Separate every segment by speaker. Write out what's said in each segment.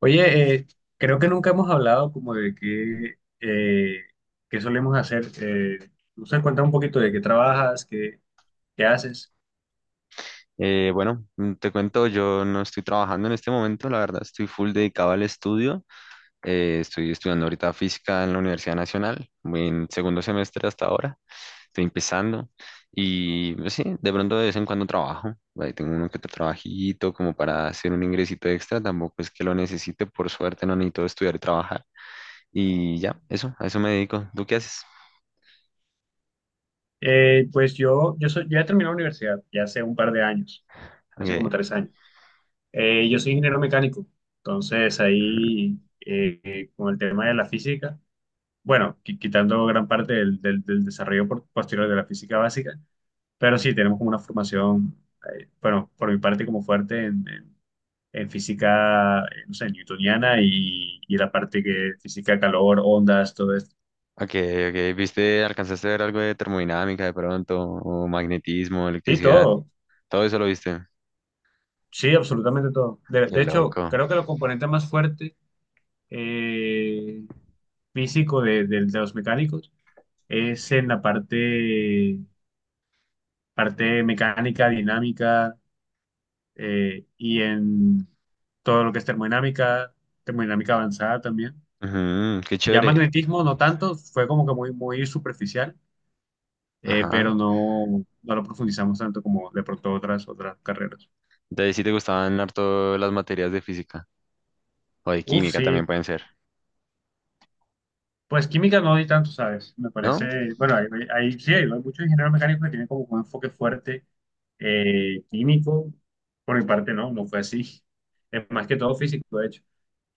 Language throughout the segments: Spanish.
Speaker 1: Oye, creo que nunca hemos hablado como de qué, qué solemos hacer. No sé, cuéntame un poquito de qué trabajas, qué haces.
Speaker 2: Bueno, Te cuento, yo no estoy trabajando en este momento, la verdad, estoy full dedicado al estudio. Estoy estudiando ahorita física en la Universidad Nacional, voy en segundo semestre hasta ahora, estoy empezando y pues, sí, de pronto de vez en cuando trabajo, ahí tengo uno que otro trabajito como para hacer un ingresito extra, tampoco es que lo necesite, por suerte no necesito estudiar y trabajar y ya, eso, a eso me dedico. ¿Tú qué haces?
Speaker 1: Pues soy, yo ya terminé la universidad, ya hace un par de años, hace
Speaker 2: Ok.
Speaker 1: como tres años. Yo soy ingeniero mecánico, entonces ahí con el tema de la física, bueno, quitando gran parte del desarrollo posterior de la física básica, pero sí tenemos como una formación, bueno, por mi parte como fuerte en física, no sé, newtoniana y la parte que física, calor, ondas, todo esto.
Speaker 2: Ok, ok. ¿Viste, alcanzaste a ver algo de termodinámica de pronto, o magnetismo,
Speaker 1: Sí,
Speaker 2: electricidad?
Speaker 1: todo.
Speaker 2: Todo eso lo viste.
Speaker 1: Sí, absolutamente todo.
Speaker 2: Qué
Speaker 1: De hecho,
Speaker 2: loco.
Speaker 1: creo que el componente más fuerte eh, físico de los mecánicos es en la parte, parte mecánica, dinámica y en todo lo que es termodinámica, termodinámica avanzada también.
Speaker 2: Ujú, qué
Speaker 1: Ya
Speaker 2: chévere.
Speaker 1: magnetismo no tanto, fue como que muy, muy superficial,
Speaker 2: Ajá.
Speaker 1: pero no, no lo profundizamos tanto como de pronto otras, otras carreras.
Speaker 2: Entonces sí te gustaban harto las materias de física o de
Speaker 1: Uf,
Speaker 2: química también
Speaker 1: sí,
Speaker 2: pueden ser,
Speaker 1: pues química no di tanto, ¿sabes? Me
Speaker 2: ¿no?
Speaker 1: parece, bueno, sí, hay muchos ingenieros mecánicos que tienen como un enfoque fuerte, químico, por mi parte no, no fue así. Es más que todo físico, de hecho.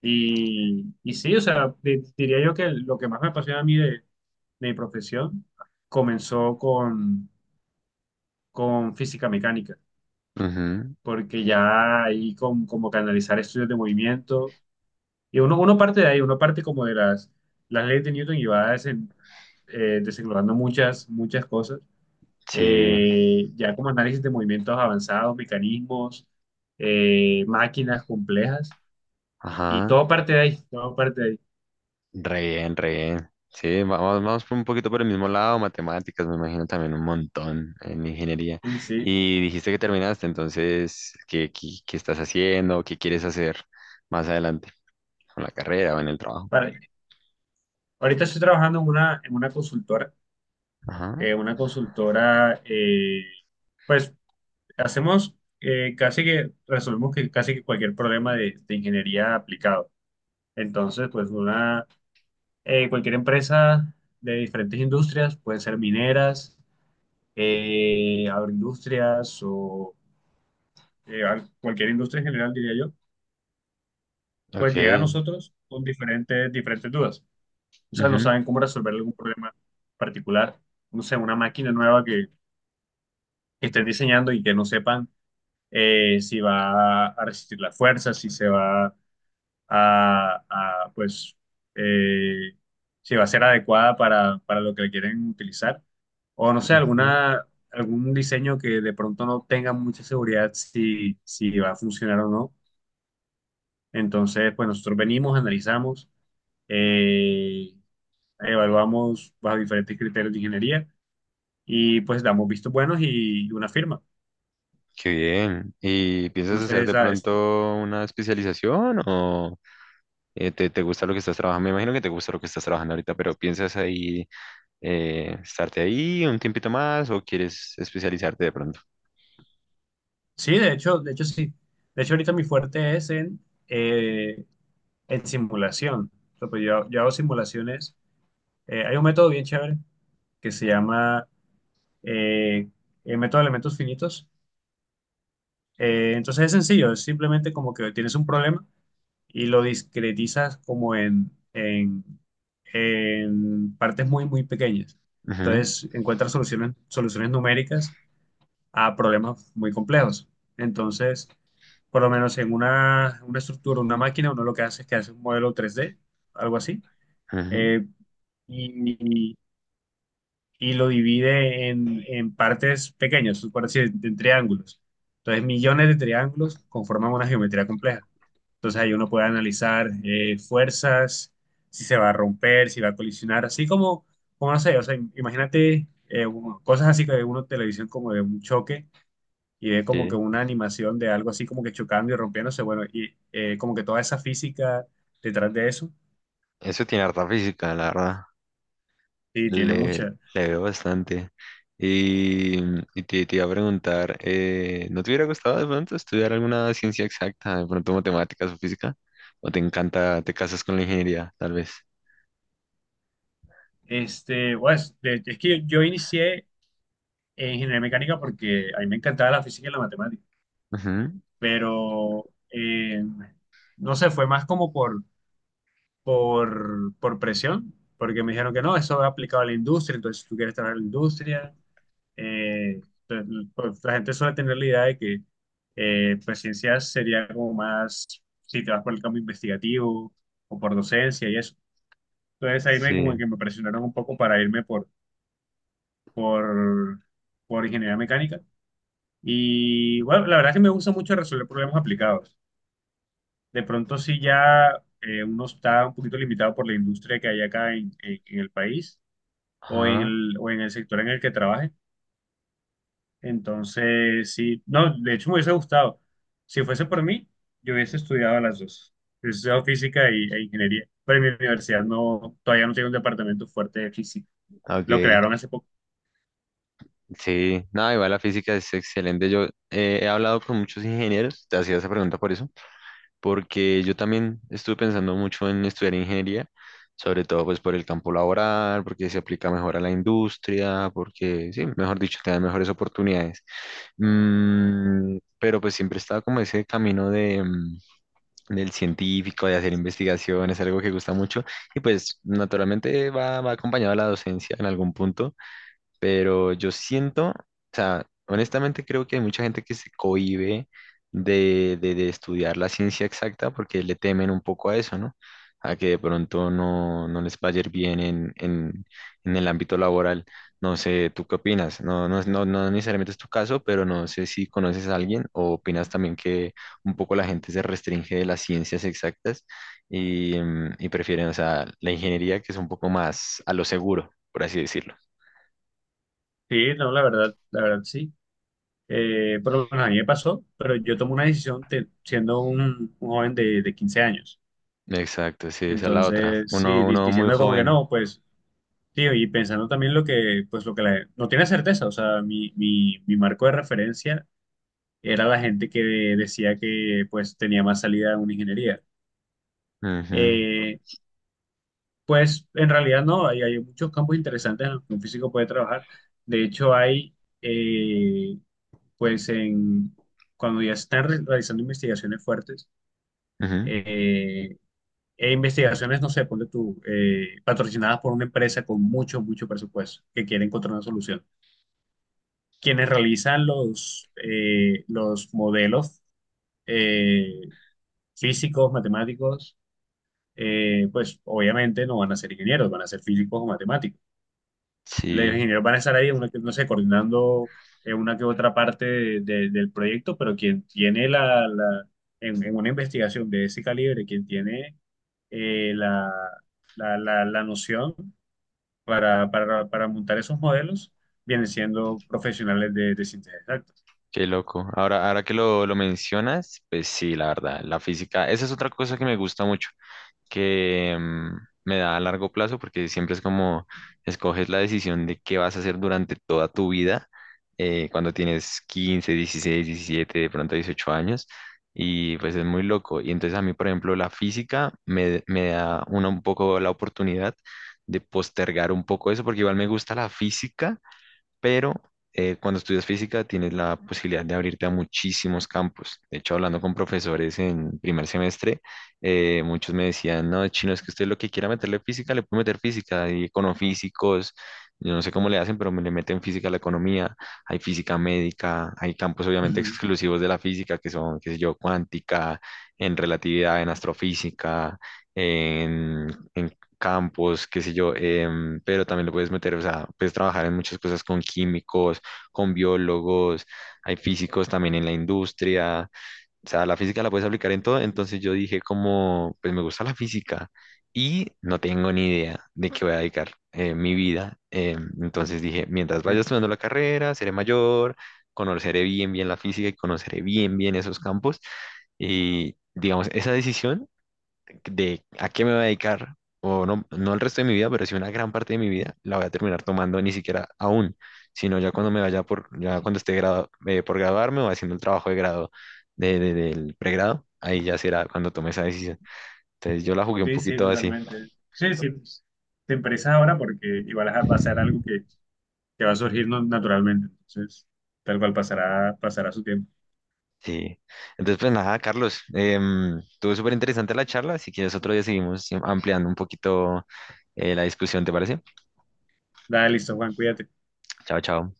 Speaker 1: Y sí, o sea, diría yo que lo que más me apasiona a mí de mi profesión comenzó con física mecánica,
Speaker 2: Ujú.
Speaker 1: porque ya ahí con, como canalizar estudios de movimiento. Y uno, uno parte de ahí, uno parte como de las leyes de Newton y va desenglosando muchas, muchas cosas.
Speaker 2: Sí.
Speaker 1: Ya como análisis de movimientos avanzados, mecanismos, máquinas complejas. Y
Speaker 2: Ajá.
Speaker 1: todo parte de ahí, todo parte de ahí.
Speaker 2: Re bien, re bien. Sí, vamos, vamos por un poquito por el mismo lado, matemáticas, me imagino también un montón en ingeniería.
Speaker 1: Sí, sí.
Speaker 2: Y dijiste que terminaste, entonces, ¿ qué estás haciendo? ¿Qué quieres hacer más adelante con la carrera o en el trabajo?
Speaker 1: Para- Ahorita estoy trabajando en una consultora.
Speaker 2: Ajá,
Speaker 1: Eh, una consultora, pues hacemos, casi que, resolvemos que casi que cualquier problema de ingeniería aplicado. Entonces, pues una, cualquier empresa de diferentes industrias, pueden ser mineras, agroindustrias o cualquier industria en general, diría yo, pues llega a
Speaker 2: ok.
Speaker 1: nosotros con diferentes, diferentes dudas. O sea, no
Speaker 2: Ujú,
Speaker 1: saben cómo resolver algún problema particular, no sé, una máquina nueva que estén diseñando y que no sepan, si va a resistir la fuerza, si se va a, pues, eh, si va a ser adecuada para lo que le quieren utilizar. O no sé,
Speaker 2: ujú.
Speaker 1: alguna, algún diseño que de pronto no tenga mucha seguridad si, si va a funcionar o no. Entonces, pues nosotros venimos, analizamos, eh, evaluamos bajo diferentes criterios de ingeniería y pues damos vistos buenos y una firma.
Speaker 2: Qué bien. ¿Y piensas
Speaker 1: Entonces,
Speaker 2: hacer de pronto una especialización o te gusta lo que estás trabajando? Me imagino que te gusta lo que estás trabajando ahorita, pero ¿piensas ahí estarte ahí un tiempito más o quieres especializarte de pronto?
Speaker 1: sí, de hecho sí. De hecho, ahorita mi fuerte es eh, en simulación. O sea, pues yo hago simulaciones. Hay un método bien chévere que se llama, eh, el método de elementos finitos. Entonces es sencillo, es simplemente como que tienes un problema y lo discretizas como en partes muy, muy pequeñas.
Speaker 2: Ujú,
Speaker 1: Entonces encuentras soluciones, soluciones numéricas a problemas muy complejos. Entonces, por lo menos en una estructura, una máquina, uno lo que hace es que hace un modelo 3D, algo así.
Speaker 2: ujú,
Speaker 1: Eh, y, y lo divide en partes pequeñas, por así decir, en triángulos. Entonces, millones de triángulos conforman una geometría compleja. Entonces, ahí uno puede analizar fuerzas, si se va a romper, si va a colisionar, así como, como no sé, o sea, imagínate, cosas así que ve uno en televisión como de un choque y ve como que
Speaker 2: sí.
Speaker 1: una animación de algo así como que chocando y rompiéndose, bueno, y como que toda esa física detrás de eso,
Speaker 2: Eso tiene harta física, la verdad.
Speaker 1: sí, tiene
Speaker 2: Le,
Speaker 1: mucha.
Speaker 2: le veo bastante. Y, y te iba a preguntar, ¿no te hubiera gustado de pronto estudiar alguna ciencia exacta, de pronto matemáticas o física? ¿O te encanta, te casas con la ingeniería, tal vez?
Speaker 1: Este, pues, es que yo inicié en ingeniería mecánica porque a mí me encantaba la física y la matemática,
Speaker 2: Ujú.
Speaker 1: pero eh, no sé, fue más como por presión, porque me dijeron que no, eso es aplicado a la industria, entonces si tú quieres trabajar en la industria. Eh, pues, pues, la gente suele tener la idea de que pues ciencias sería como más si te vas por el campo investigativo o por docencia y eso. Entonces ahí me como
Speaker 2: Sí.
Speaker 1: que me presionaron un poco para irme por, por ingeniería mecánica. Y bueno, la verdad es que me gusta mucho resolver problemas aplicados. De pronto sí ya uno está un poquito limitado por la industria que hay acá en, en el país
Speaker 2: Ajá.
Speaker 1: o en el sector en el que trabaje. Entonces sí, no, de hecho me hubiese gustado. Si fuese por mí, yo hubiese estudiado las dos. Hubiese estudiado física y, e ingeniería. Pero en mi universidad no, todavía no tiene un departamento fuerte de física. Lo
Speaker 2: Ok.
Speaker 1: crearon hace poco.
Speaker 2: Sí. No, igual la física es excelente. Yo he hablado con muchos ingenieros, te hacía esa pregunta por eso, porque yo también estuve pensando mucho en estudiar ingeniería, sobre todo pues por el campo laboral, porque se aplica mejor a la industria, porque sí, mejor dicho, te dan mejores oportunidades. Pero pues siempre estaba como ese camino de, del científico, de hacer investigaciones, algo que gusta mucho, y pues naturalmente va, va acompañado a la docencia en algún punto, pero yo siento, o sea, honestamente creo que hay mucha gente que se cohíbe de estudiar la ciencia exacta porque le temen un poco a eso, ¿no? A que de pronto no, no les vaya a ir bien en el ámbito laboral. No sé, ¿tú qué opinas? No, no, no, no necesariamente es tu caso, pero no sé si conoces a alguien o opinas también que un poco la gente se restringe de las ciencias exactas y, y prefieren, o sea, la ingeniería que es un poco más a lo seguro, por así decirlo.
Speaker 1: Sí, no, la verdad sí. Por lo menos a mí me pasó, pero yo tomé una decisión siendo un joven de 15 años.
Speaker 2: Exacto, sí, esa es la otra.
Speaker 1: Entonces, sí,
Speaker 2: Uno, uno muy
Speaker 1: diciendo como que
Speaker 2: joven.
Speaker 1: no, pues, tío y pensando también lo que, pues, lo que no tiene certeza, o sea, mi marco de referencia era la gente que decía que, pues, tenía más salida en una ingeniería.
Speaker 2: Ujú,
Speaker 1: Eh, pues, en realidad no, hay muchos campos interesantes en los que un físico puede trabajar. De hecho, hay, eh, pues, en, cuando ya están realizando investigaciones fuertes,
Speaker 2: ujú.
Speaker 1: eh, e investigaciones, no sé, ponle tú, patrocinadas por una empresa con mucho, mucho presupuesto que quiere encontrar una solución. Quienes realizan los modelos, eh, físicos, matemáticos, pues obviamente no van a ser ingenieros, van a ser físicos o matemáticos. Los
Speaker 2: Sí,
Speaker 1: ingenieros van a estar ahí, una no sé, coordinando, una que otra parte del proyecto, pero quien tiene la, en una investigación de ese calibre, quien tiene la, la, la, la noción para montar esos modelos, vienen siendo profesionales de ciencias exactas.
Speaker 2: qué loco. Ahora, ahora que lo mencionas, pues sí, la verdad, la física, esa es otra cosa que me gusta mucho. Que me da a largo plazo porque siempre es como escoges la decisión de qué vas a hacer durante toda tu vida, cuando tienes 15, 16, 17, de pronto 18 años, y pues es muy loco. Y entonces a mí, por ejemplo, la física me, me da una, un poco la oportunidad de postergar un poco eso porque igual me gusta la física, pero cuando estudias física tienes la posibilidad de abrirte a muchísimos campos. De hecho, hablando con profesores en primer semestre, muchos me decían, no, chino, es que usted lo que quiera meterle física, le puede meter física, hay econofísicos, yo no sé cómo le hacen, pero me le meten física a la economía, hay física médica, hay campos obviamente
Speaker 1: Ujú.
Speaker 2: exclusivos de la física, que son, qué sé yo, cuántica, en relatividad, en astrofísica. En, en campos, qué sé yo, pero también lo puedes meter, o sea, puedes trabajar en muchas cosas con químicos, con biólogos, hay físicos también en la industria, o sea, la física la puedes aplicar en todo, entonces yo dije como, pues me gusta la física y no tengo ni idea de qué voy a dedicar mi vida, entonces dije, mientras vaya estudiando la carrera, seré mayor, conoceré bien, bien la física y conoceré bien, bien esos campos, y digamos, esa decisión de a qué me voy a dedicar, o no, no el resto de mi vida, pero sí una gran parte de mi vida, la voy a terminar tomando ni siquiera aún, sino ya cuando me vaya por, ya cuando esté por graduarme o haciendo el trabajo de grado del pregrado, ahí ya será cuando tome esa decisión. Entonces yo la jugué un
Speaker 1: Sí, sí,
Speaker 2: poquito así,
Speaker 1: totalmente. Sí, sí, pues, te empresas ahora porque igual va a ser algo que va a surgir naturalmente, entonces tal cual pasará, pasará su tiempo.
Speaker 2: sí. Entonces pues nada, Carlos, estuvo súper interesante la charla, si quieres otro día seguimos ampliando un poquito la discusión, ¿te parece?
Speaker 1: Dale, listo, Juan, cuídate.
Speaker 2: Chao, chao.